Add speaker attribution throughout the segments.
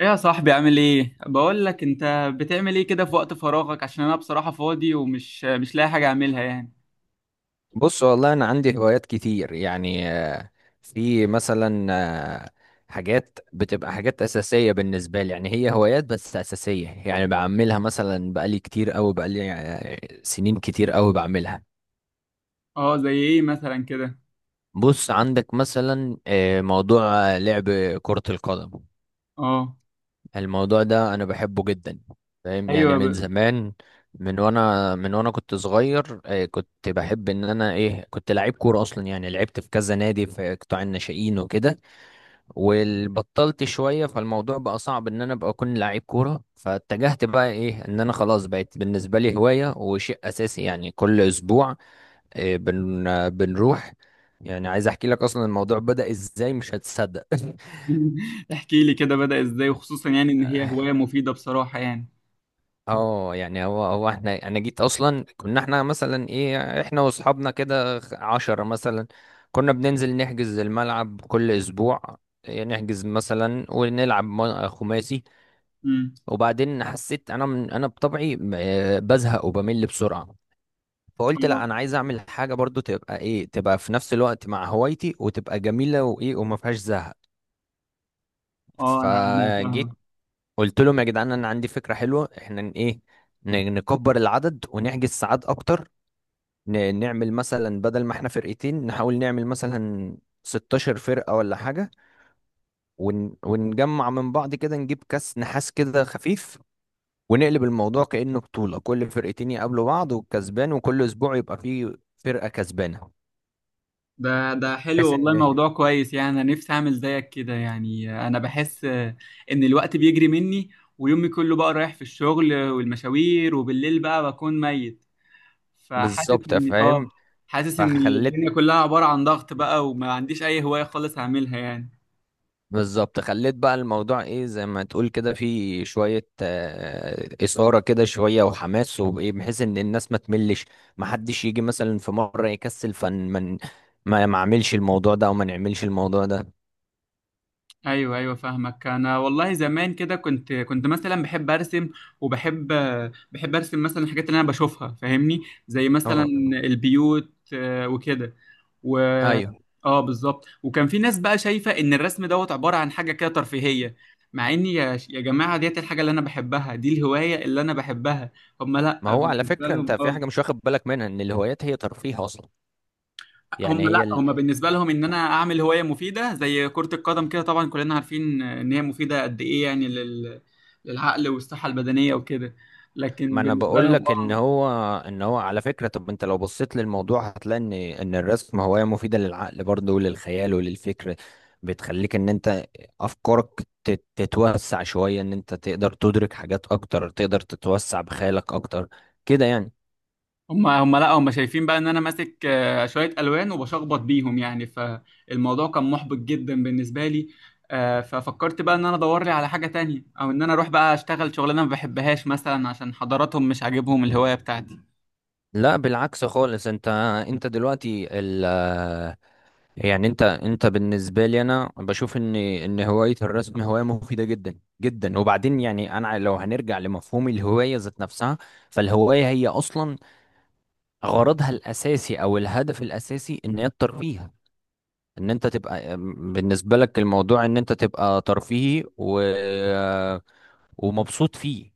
Speaker 1: ايه يا صاحبي، عامل ايه؟ بقول لك، انت بتعمل ايه كده في وقت فراغك؟ عشان انا بصراحة فاضي ومش مش لاقي حاجة اعملها يعني.
Speaker 2: بص، والله انا عندي هوايات كتير يعني في مثلا آه، حاجات بتبقى حاجات اساسيه بالنسبه لي، يعني هي هوايات بس اساسيه، يعني بعملها مثلا بقالي كتير قوي، بقالي سنين كتير قوي بعملها.
Speaker 1: اه، زي ايه مثلا كده؟
Speaker 2: بص عندك مثلا موضوع لعب كره القدم.
Speaker 1: اه،
Speaker 2: الموضوع ده انا بحبه جدا، فاهم؟ يعني
Speaker 1: ايوه،
Speaker 2: من زمان، من وانا كنت صغير، كنت بحب ان انا كنت لعيب كوره اصلا، يعني لعبت في كذا نادي في قطاع الناشئين وكده، وبطلت شويه، فالموضوع بقى صعب ان انا ابقى اكون لعيب كوره، فاتجهت بقى ان انا خلاص بقت بالنسبه لي هوايه وشيء اساسي، يعني كل اسبوع آه، بن آه، بنروح. يعني عايز احكي لك اصلا الموضوع بدأ ازاي، مش هتصدق.
Speaker 1: احكي لي كده، بدأ ازاي؟ وخصوصا يعني ان هي هواية مفيدة بصراحة يعني.
Speaker 2: اه، يعني هو احنا انا جيت اصلا، كنا احنا مثلا احنا واصحابنا كده، عشرة مثلا، كنا بننزل نحجز الملعب كل اسبوع. نحجز مثلا ونلعب خماسي.
Speaker 1: امم.
Speaker 2: وبعدين حسيت انا من انا بطبعي بزهق وبمل بسرعة، فقلت
Speaker 1: اه،
Speaker 2: لا، انا عايز اعمل حاجة برضو تبقى في نفس الوقت مع هوايتي، وتبقى جميلة وايه، وما فيهاش زهق.
Speaker 1: اه، انا
Speaker 2: فجيت
Speaker 1: فاهم.
Speaker 2: قلت لهم: يا جدعان، انا عندي فكرة حلوة، احنا نكبر العدد ونحجز ساعات اكتر، نعمل مثلا بدل ما احنا فرقتين نحاول نعمل مثلا 16 فرقة ولا حاجة، ونجمع من بعض كده، نجيب كاس نحاس كده خفيف، ونقلب الموضوع كأنه بطولة، كل فرقتين يقابلوا بعض والكسبان، وكل أسبوع يبقى فيه فرقة كسبانة،
Speaker 1: ده حلو
Speaker 2: بحيث
Speaker 1: والله،
Speaker 2: إن...
Speaker 1: موضوع كويس، يعني انا نفسي اعمل زيك كده. يعني انا بحس ان الوقت بيجري مني، ويومي كله بقى رايح في الشغل والمشاوير، وبالليل بقى بكون ميت. فحاسس
Speaker 2: بالظبط،
Speaker 1: ان اه
Speaker 2: فاهم.
Speaker 1: حاسس ان
Speaker 2: فخلت
Speaker 1: الدنيا كلها عبارة عن ضغط بقى، وما عنديش اي هواية خالص هعملها يعني.
Speaker 2: بالظبط، خليت بقى الموضوع زي ما تقول كده في شوية إثارة كده، شوية وحماس وايه، بحيث ان الناس ما تملش، ما حدش يجي مثلا في مرة يكسل، فن من ما اعملش الموضوع ده او ما نعملش الموضوع ده.
Speaker 1: ايوه، ايوه، فاهمك. انا والله زمان كده كنت مثلا بحب ارسم، وبحب، بحب ارسم مثلا الحاجات اللي انا بشوفها، فاهمني؟ زي مثلا
Speaker 2: اه،
Speaker 1: البيوت، وكده، و،
Speaker 2: ايوه،
Speaker 1: اه، بالظبط. وكان في ناس بقى شايفة ان الرسم دوت عبارة عن حاجة كده ترفيهية، مع اني، يا جماعة، ديت الحاجة اللي انا بحبها، دي الهواية اللي انا بحبها. هم،
Speaker 2: ما
Speaker 1: لا،
Speaker 2: هو على
Speaker 1: بالنسبة
Speaker 2: فكرة انت
Speaker 1: لهم
Speaker 2: في حاجة مش
Speaker 1: اه،
Speaker 2: واخد بالك منها، ان الهوايات هي ترفيه اصلا، يعني
Speaker 1: هم لا،
Speaker 2: هي...
Speaker 1: هم بالنسبه لهم ان انا اعمل هوايه مفيده زي كره القدم كده. طبعا كلنا عارفين ان هي مفيده قد ايه، يعني للعقل والصحه البدنيه وكده.
Speaker 2: ما
Speaker 1: لكن
Speaker 2: انا
Speaker 1: بالنسبه
Speaker 2: بقول
Speaker 1: لهم
Speaker 2: لك ان
Speaker 1: اه،
Speaker 2: هو ان هو على فكره، طب انت لو بصيت للموضوع هتلاقي ان الرسم هوايه مفيده للعقل برضه، وللخيال وللفكر، بتخليك ان انت افكارك تتوسع شويه، ان انت تقدر تدرك حاجات اكتر، تقدر تتوسع بخيالك اكتر، كده يعني.
Speaker 1: هم لا هم شايفين بقى ان انا ماسك شويه الوان وبشخبط بيهم يعني. فالموضوع كان محبط جدا بالنسبه لي. ففكرت بقى ان انا ادور لي على حاجه تانية، او ان انا اروح بقى اشتغل شغلانه ما بحبهاش مثلا، عشان حضراتهم مش عاجبهم الهوايه بتاعتي.
Speaker 2: لا، بالعكس خالص، انت دلوقتي، يعني انت بالنسبه لي انا بشوف ان هوايه الرسم هوايه مفيده جدا جدا. وبعدين يعني انا لو هنرجع لمفهوم الهوايه ذات نفسها، فالهوايه هي اصلا غرضها الاساسي او الهدف الاساسي ان هي الترفيه، ان انت تبقى بالنسبه لك الموضوع ان انت تبقى ترفيهي ومبسوط فيه.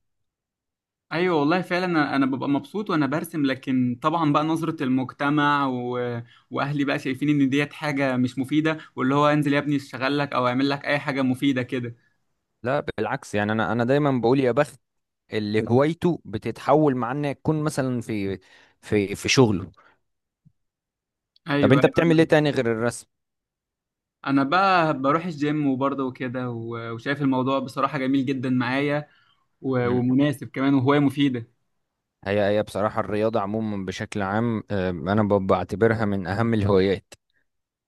Speaker 1: ايوه والله فعلا، انا ببقى مبسوط وانا برسم. لكن طبعا بقى نظرة المجتمع واهلي بقى شايفين ان ديت حاجة مش مفيدة، واللي هو انزل يا ابني اشتغل لك او اعمل لك اي حاجة مفيدة كده.
Speaker 2: لا بالعكس، يعني انا دايما بقول يا بخت اللي هوايته بتتحول مع انها تكون مثلا في شغله. طب
Speaker 1: ايوه،
Speaker 2: انت
Speaker 1: ايوه،
Speaker 2: بتعمل ايه
Speaker 1: انا
Speaker 2: تاني غير الرسم؟
Speaker 1: أنا بقى بروح الجيم وبرضه وكده، وشايف الموضوع بصراحة جميل جدا معايا، ومناسب كمان، وهواية مفيدة.
Speaker 2: هي بصراحة الرياضة عموما بشكل عام، أنا بعتبرها من أهم الهوايات،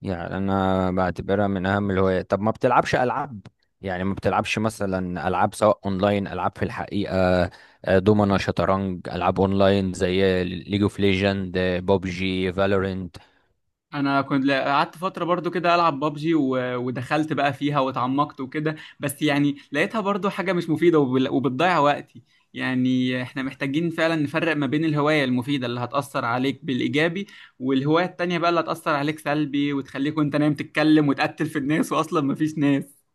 Speaker 2: يعني أنا بعتبرها من أهم الهوايات. طب ما بتلعبش ألعاب؟ يعني ما بتلعبش مثلا ألعاب سواء أونلاين، ألعاب في الحقيقة، دومنا، شطرنج، ألعاب أونلاين زي ليج اوف ليجند، بوبجي، فالورنت.
Speaker 1: انا كنت قعدت فتره برضو كده العب بابجي، ودخلت بقى فيها واتعمقت وكده، بس يعني لقيتها برضو حاجه مش مفيده، وبتضيع وقتي. يعني احنا محتاجين فعلا نفرق ما بين الهوايه المفيده اللي هتاثر عليك بالايجابي، والهوايه التانية بقى اللي هتاثر عليك سلبي، وتخليك وانت نايم تتكلم وتقتل في الناس، واصلا مفيش ناس.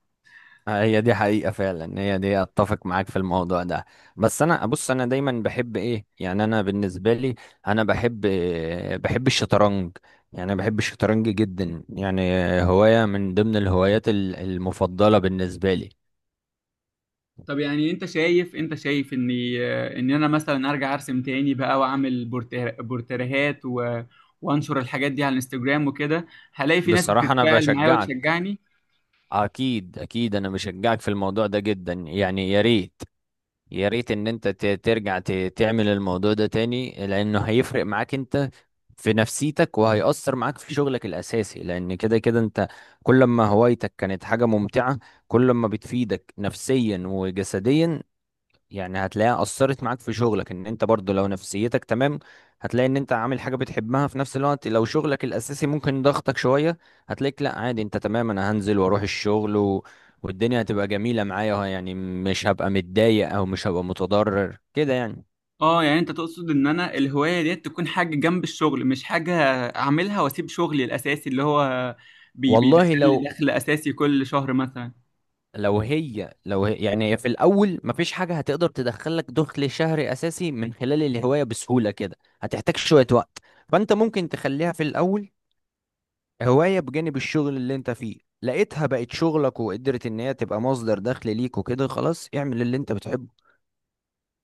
Speaker 2: هي دي حقيقة فعلا، هي دي اتفق معاك في الموضوع ده. بس انا بص، انا دايما بحب يعني انا بالنسبة لي، انا بحب الشطرنج، يعني أنا بحب الشطرنج جدا يعني، هواية من ضمن الهوايات المفضلة بالنسبة لي.
Speaker 1: طب يعني انت شايف ان انا مثلا ارجع ارسم تاني بقى، واعمل بورتريهات وانشر الحاجات دي على الانستجرام وكده، هلاقي في ناس
Speaker 2: بصراحة انا
Speaker 1: بتتفاعل معايا
Speaker 2: بشجعك،
Speaker 1: وتشجعني؟
Speaker 2: اكيد اكيد، انا بشجعك في الموضوع ده جدا، يعني يا ريت يا ريت ان انت ترجع تعمل الموضوع ده تاني، لانه هيفرق معاك انت في نفسيتك، وهيأثر معاك في شغلك الاساسي، لان كده كده انت كل ما هوايتك كانت حاجة ممتعة، كل ما بتفيدك نفسيا وجسديا. يعني هتلاقيها أثرت معاك في شغلك، إن أنت برضو لو نفسيتك تمام، هتلاقي إن أنت عامل حاجة بتحبها في نفس الوقت. لو شغلك الأساسي ممكن ضغطك شوية، هتلاقيك لأ، عادي، أنت تمام، أنا هنزل وأروح الشغل، والدنيا هتبقى جميلة معايا، يعني مش هبقى متضايق أو مش هبقى متضرر كده، يعني.
Speaker 1: اه، يعني انت تقصد ان انا الهواية دي تكون حاجة جنب الشغل، مش حاجة اعملها واسيب شغلي الاساسي اللي هو بيدخل
Speaker 2: والله لو
Speaker 1: لي دخل اساسي كل شهر مثلا.
Speaker 2: لو هي لو هي يعني هي في الأول مفيش حاجة هتقدر تدخلك دخل شهري أساسي من خلال الهواية بسهولة كده، هتحتاج شوية وقت. فأنت ممكن تخليها في الأول هواية بجانب الشغل اللي انت فيه، لقيتها بقت شغلك وقدرت ان هي تبقى مصدر دخل ليك وكده، خلاص اعمل اللي انت بتحبه.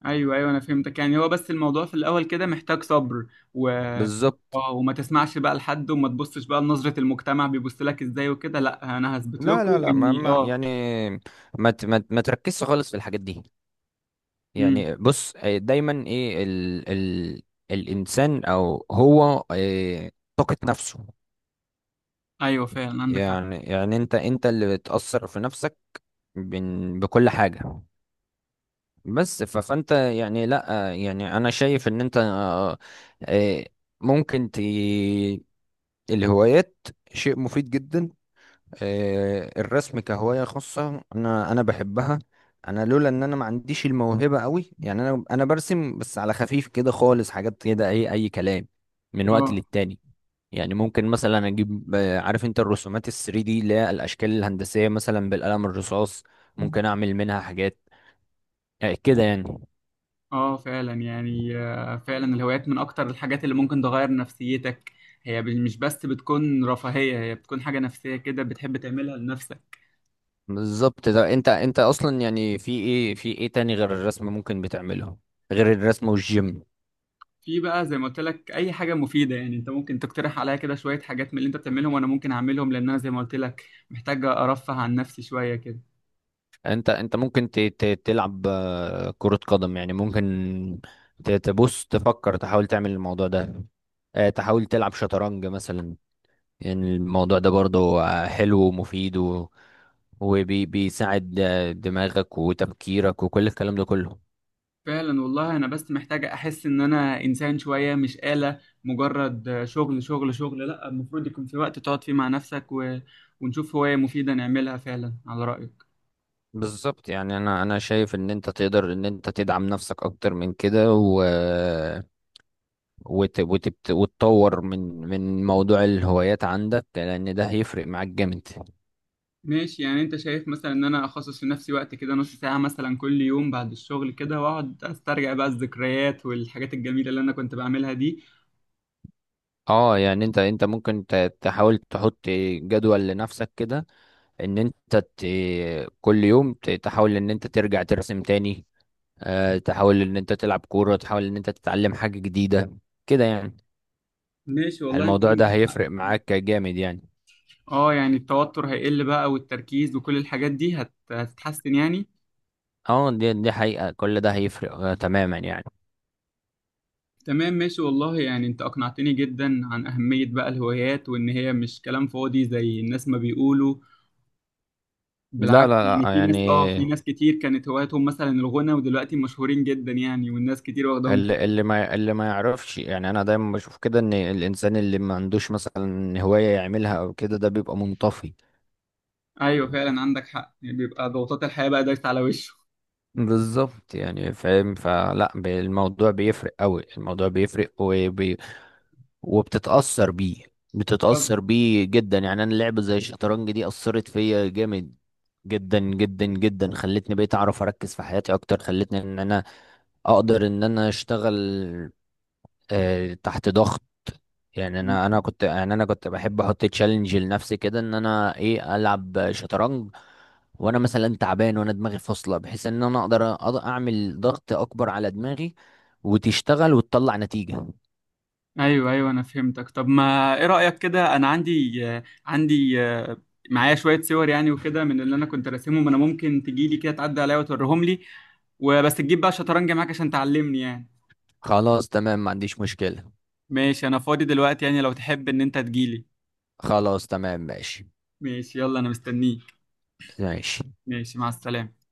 Speaker 1: ايوه، ايوه، انا فهمتك. يعني هو بس الموضوع في الاول كده محتاج صبر، و
Speaker 2: بالظبط.
Speaker 1: اه وما تسمعش بقى لحد، وما تبصش بقى لنظرة المجتمع بيبص لك ازاي وكده. لا، انا هثبت
Speaker 2: لا
Speaker 1: لكم
Speaker 2: لا لا، ما,
Speaker 1: اني
Speaker 2: ما
Speaker 1: اه،
Speaker 2: يعني ما تركزش خالص في الحاجات دي.
Speaker 1: امم،
Speaker 2: يعني بص، دايما ال الانسان او هو، طاقة نفسه،
Speaker 1: ايوه فعلا عندك حق.
Speaker 2: يعني انت اللي بتأثر في نفسك بكل حاجة. بس فانت يعني لا، يعني انا شايف ان انت آه، ممكن الهوايات شيء مفيد جدا. الرسم كهواية خاصة انا بحبها. انا لولا ان انا ما عنديش الموهبة قوي، يعني انا برسم بس على خفيف كده خالص، حاجات كده اي كلام من وقت
Speaker 1: اه،
Speaker 2: للتاني. يعني ممكن مثلا اجيب عارف انت الرسومات ال 3 دي، اللي هي الاشكال الهندسية مثلا بالقلم الرصاص، ممكن اعمل منها حاجات كده يعني.
Speaker 1: اه، فعلا يعني، فعلا الهوايات من اكتر الحاجات اللي ممكن تغير نفسيتك. هي مش بس بتكون رفاهية، هي بتكون حاجة نفسية كده بتحب تعملها لنفسك.
Speaker 2: بالظبط. ده انت اصلا، يعني في ايه تاني غير الرسم ممكن بتعمله، غير الرسم والجيم؟
Speaker 1: في بقى زي ما قلت لك اي حاجه مفيده، يعني انت ممكن تقترح عليا كده شويه حاجات من اللي انت بتعملهم، وانا ممكن اعملهم، لان انا زي ما قلت لك محتاج ارفه عن نفسي شويه كده.
Speaker 2: انت ممكن تلعب كرة قدم يعني، ممكن تبص تفكر تحاول تعمل الموضوع ده، تحاول تلعب شطرنج مثلا، يعني الموضوع ده برضو حلو ومفيد وبيساعد دماغك وتفكيرك وكل الكلام ده كله.
Speaker 1: فعلا والله، انا بس محتاجه احس ان انا انسان شويه، مش آلة مجرد شغل شغل شغل. لا، المفروض يكون في وقت تقعد فيه مع نفسك، ونشوف هوايه مفيده نعملها، فعلا على رايك.
Speaker 2: بالظبط، يعني انا شايف ان انت تقدر ان انت تدعم نفسك اكتر من كده، وتطور من موضوع الهوايات عندك، لان ده هيفرق معاك جامد.
Speaker 1: ماشي، يعني انت شايف مثلا ان انا اخصص لنفسي وقت كده، نص ساعه مثلا كل يوم بعد الشغل كده، واقعد استرجع بقى الذكريات والحاجات الجميله اللي انا كنت بعملها دي؟
Speaker 2: اه، يعني انت ممكن تحاول تحط جدول لنفسك كده، ان انت كل يوم تحاول ان انت ترجع ترسم تاني، تحاول ان انت تلعب كورة، تحاول ان انت تتعلم حاجة جديدة كده يعني،
Speaker 1: ماشي والله، انت
Speaker 2: الموضوع ده
Speaker 1: عندك حق.
Speaker 2: هيفرق معاك جامد يعني.
Speaker 1: اه، يعني التوتر هيقل بقى، والتركيز وكل الحاجات دي هتتحسن يعني.
Speaker 2: اه، دي حقيقة، كل ده هيفرق تماما، يعني.
Speaker 1: تمام، ماشي والله. يعني انت اقنعتني جدا عن اهمية بقى الهوايات، وان هي مش كلام فاضي زي الناس ما بيقولوا.
Speaker 2: لا لا
Speaker 1: بالعكس، يعني
Speaker 2: لا
Speaker 1: في
Speaker 2: يعني،
Speaker 1: ناس، اه، في ناس كتير كانت هواياتهم مثلا الغنى، ودلوقتي مشهورين جدا يعني، والناس كتير واخداهم.
Speaker 2: اللي ما يعرفش، يعني انا دايما بشوف كده ان الانسان اللي ما عندوش مثلا هواية يعملها او كده، ده بيبقى منطفي.
Speaker 1: ايوه فعلا عندك حق، يعني بيبقى ضغوطات الحياة بقى دايسة على وشه.
Speaker 2: بالظبط، يعني فاهم، فلا الموضوع بيفرق قوي، الموضوع بيفرق وبتتأثر بيه،
Speaker 1: طب،
Speaker 2: بتتأثر بيه جدا، يعني انا لعبة زي الشطرنج دي أثرت فيا جامد جدا جدا جدا، خلتني بقيت اعرف اركز في حياتي اكتر، خلتني ان انا اقدر ان انا اشتغل تحت ضغط. يعني انا كنت بحب احط تشالنج لنفسي كده، ان انا العب شطرنج وانا مثلا تعبان وانا دماغي فاصله، بحيث ان انا أقدر اعمل ضغط اكبر على دماغي وتشتغل وتطلع نتيجه.
Speaker 1: ايوه، ايوه، انا فهمتك. طب ما ايه رأيك كده، انا عندي معايا شوية صور يعني وكده من اللي انا كنت راسمهم، انا ممكن تجيلي كده، تعدي عليا وتوريهم لي، وبس تجيب بقى شطرنج معاك عشان تعلمني يعني؟
Speaker 2: خلاص تمام، ما عنديش مشكله.
Speaker 1: ماشي، انا فاضي دلوقتي يعني، لو تحب ان انت تجيلي.
Speaker 2: خلاص تمام، ماشي
Speaker 1: ماشي، يلا انا مستنيك.
Speaker 2: ماشي.
Speaker 1: ماشي، مع السلامة.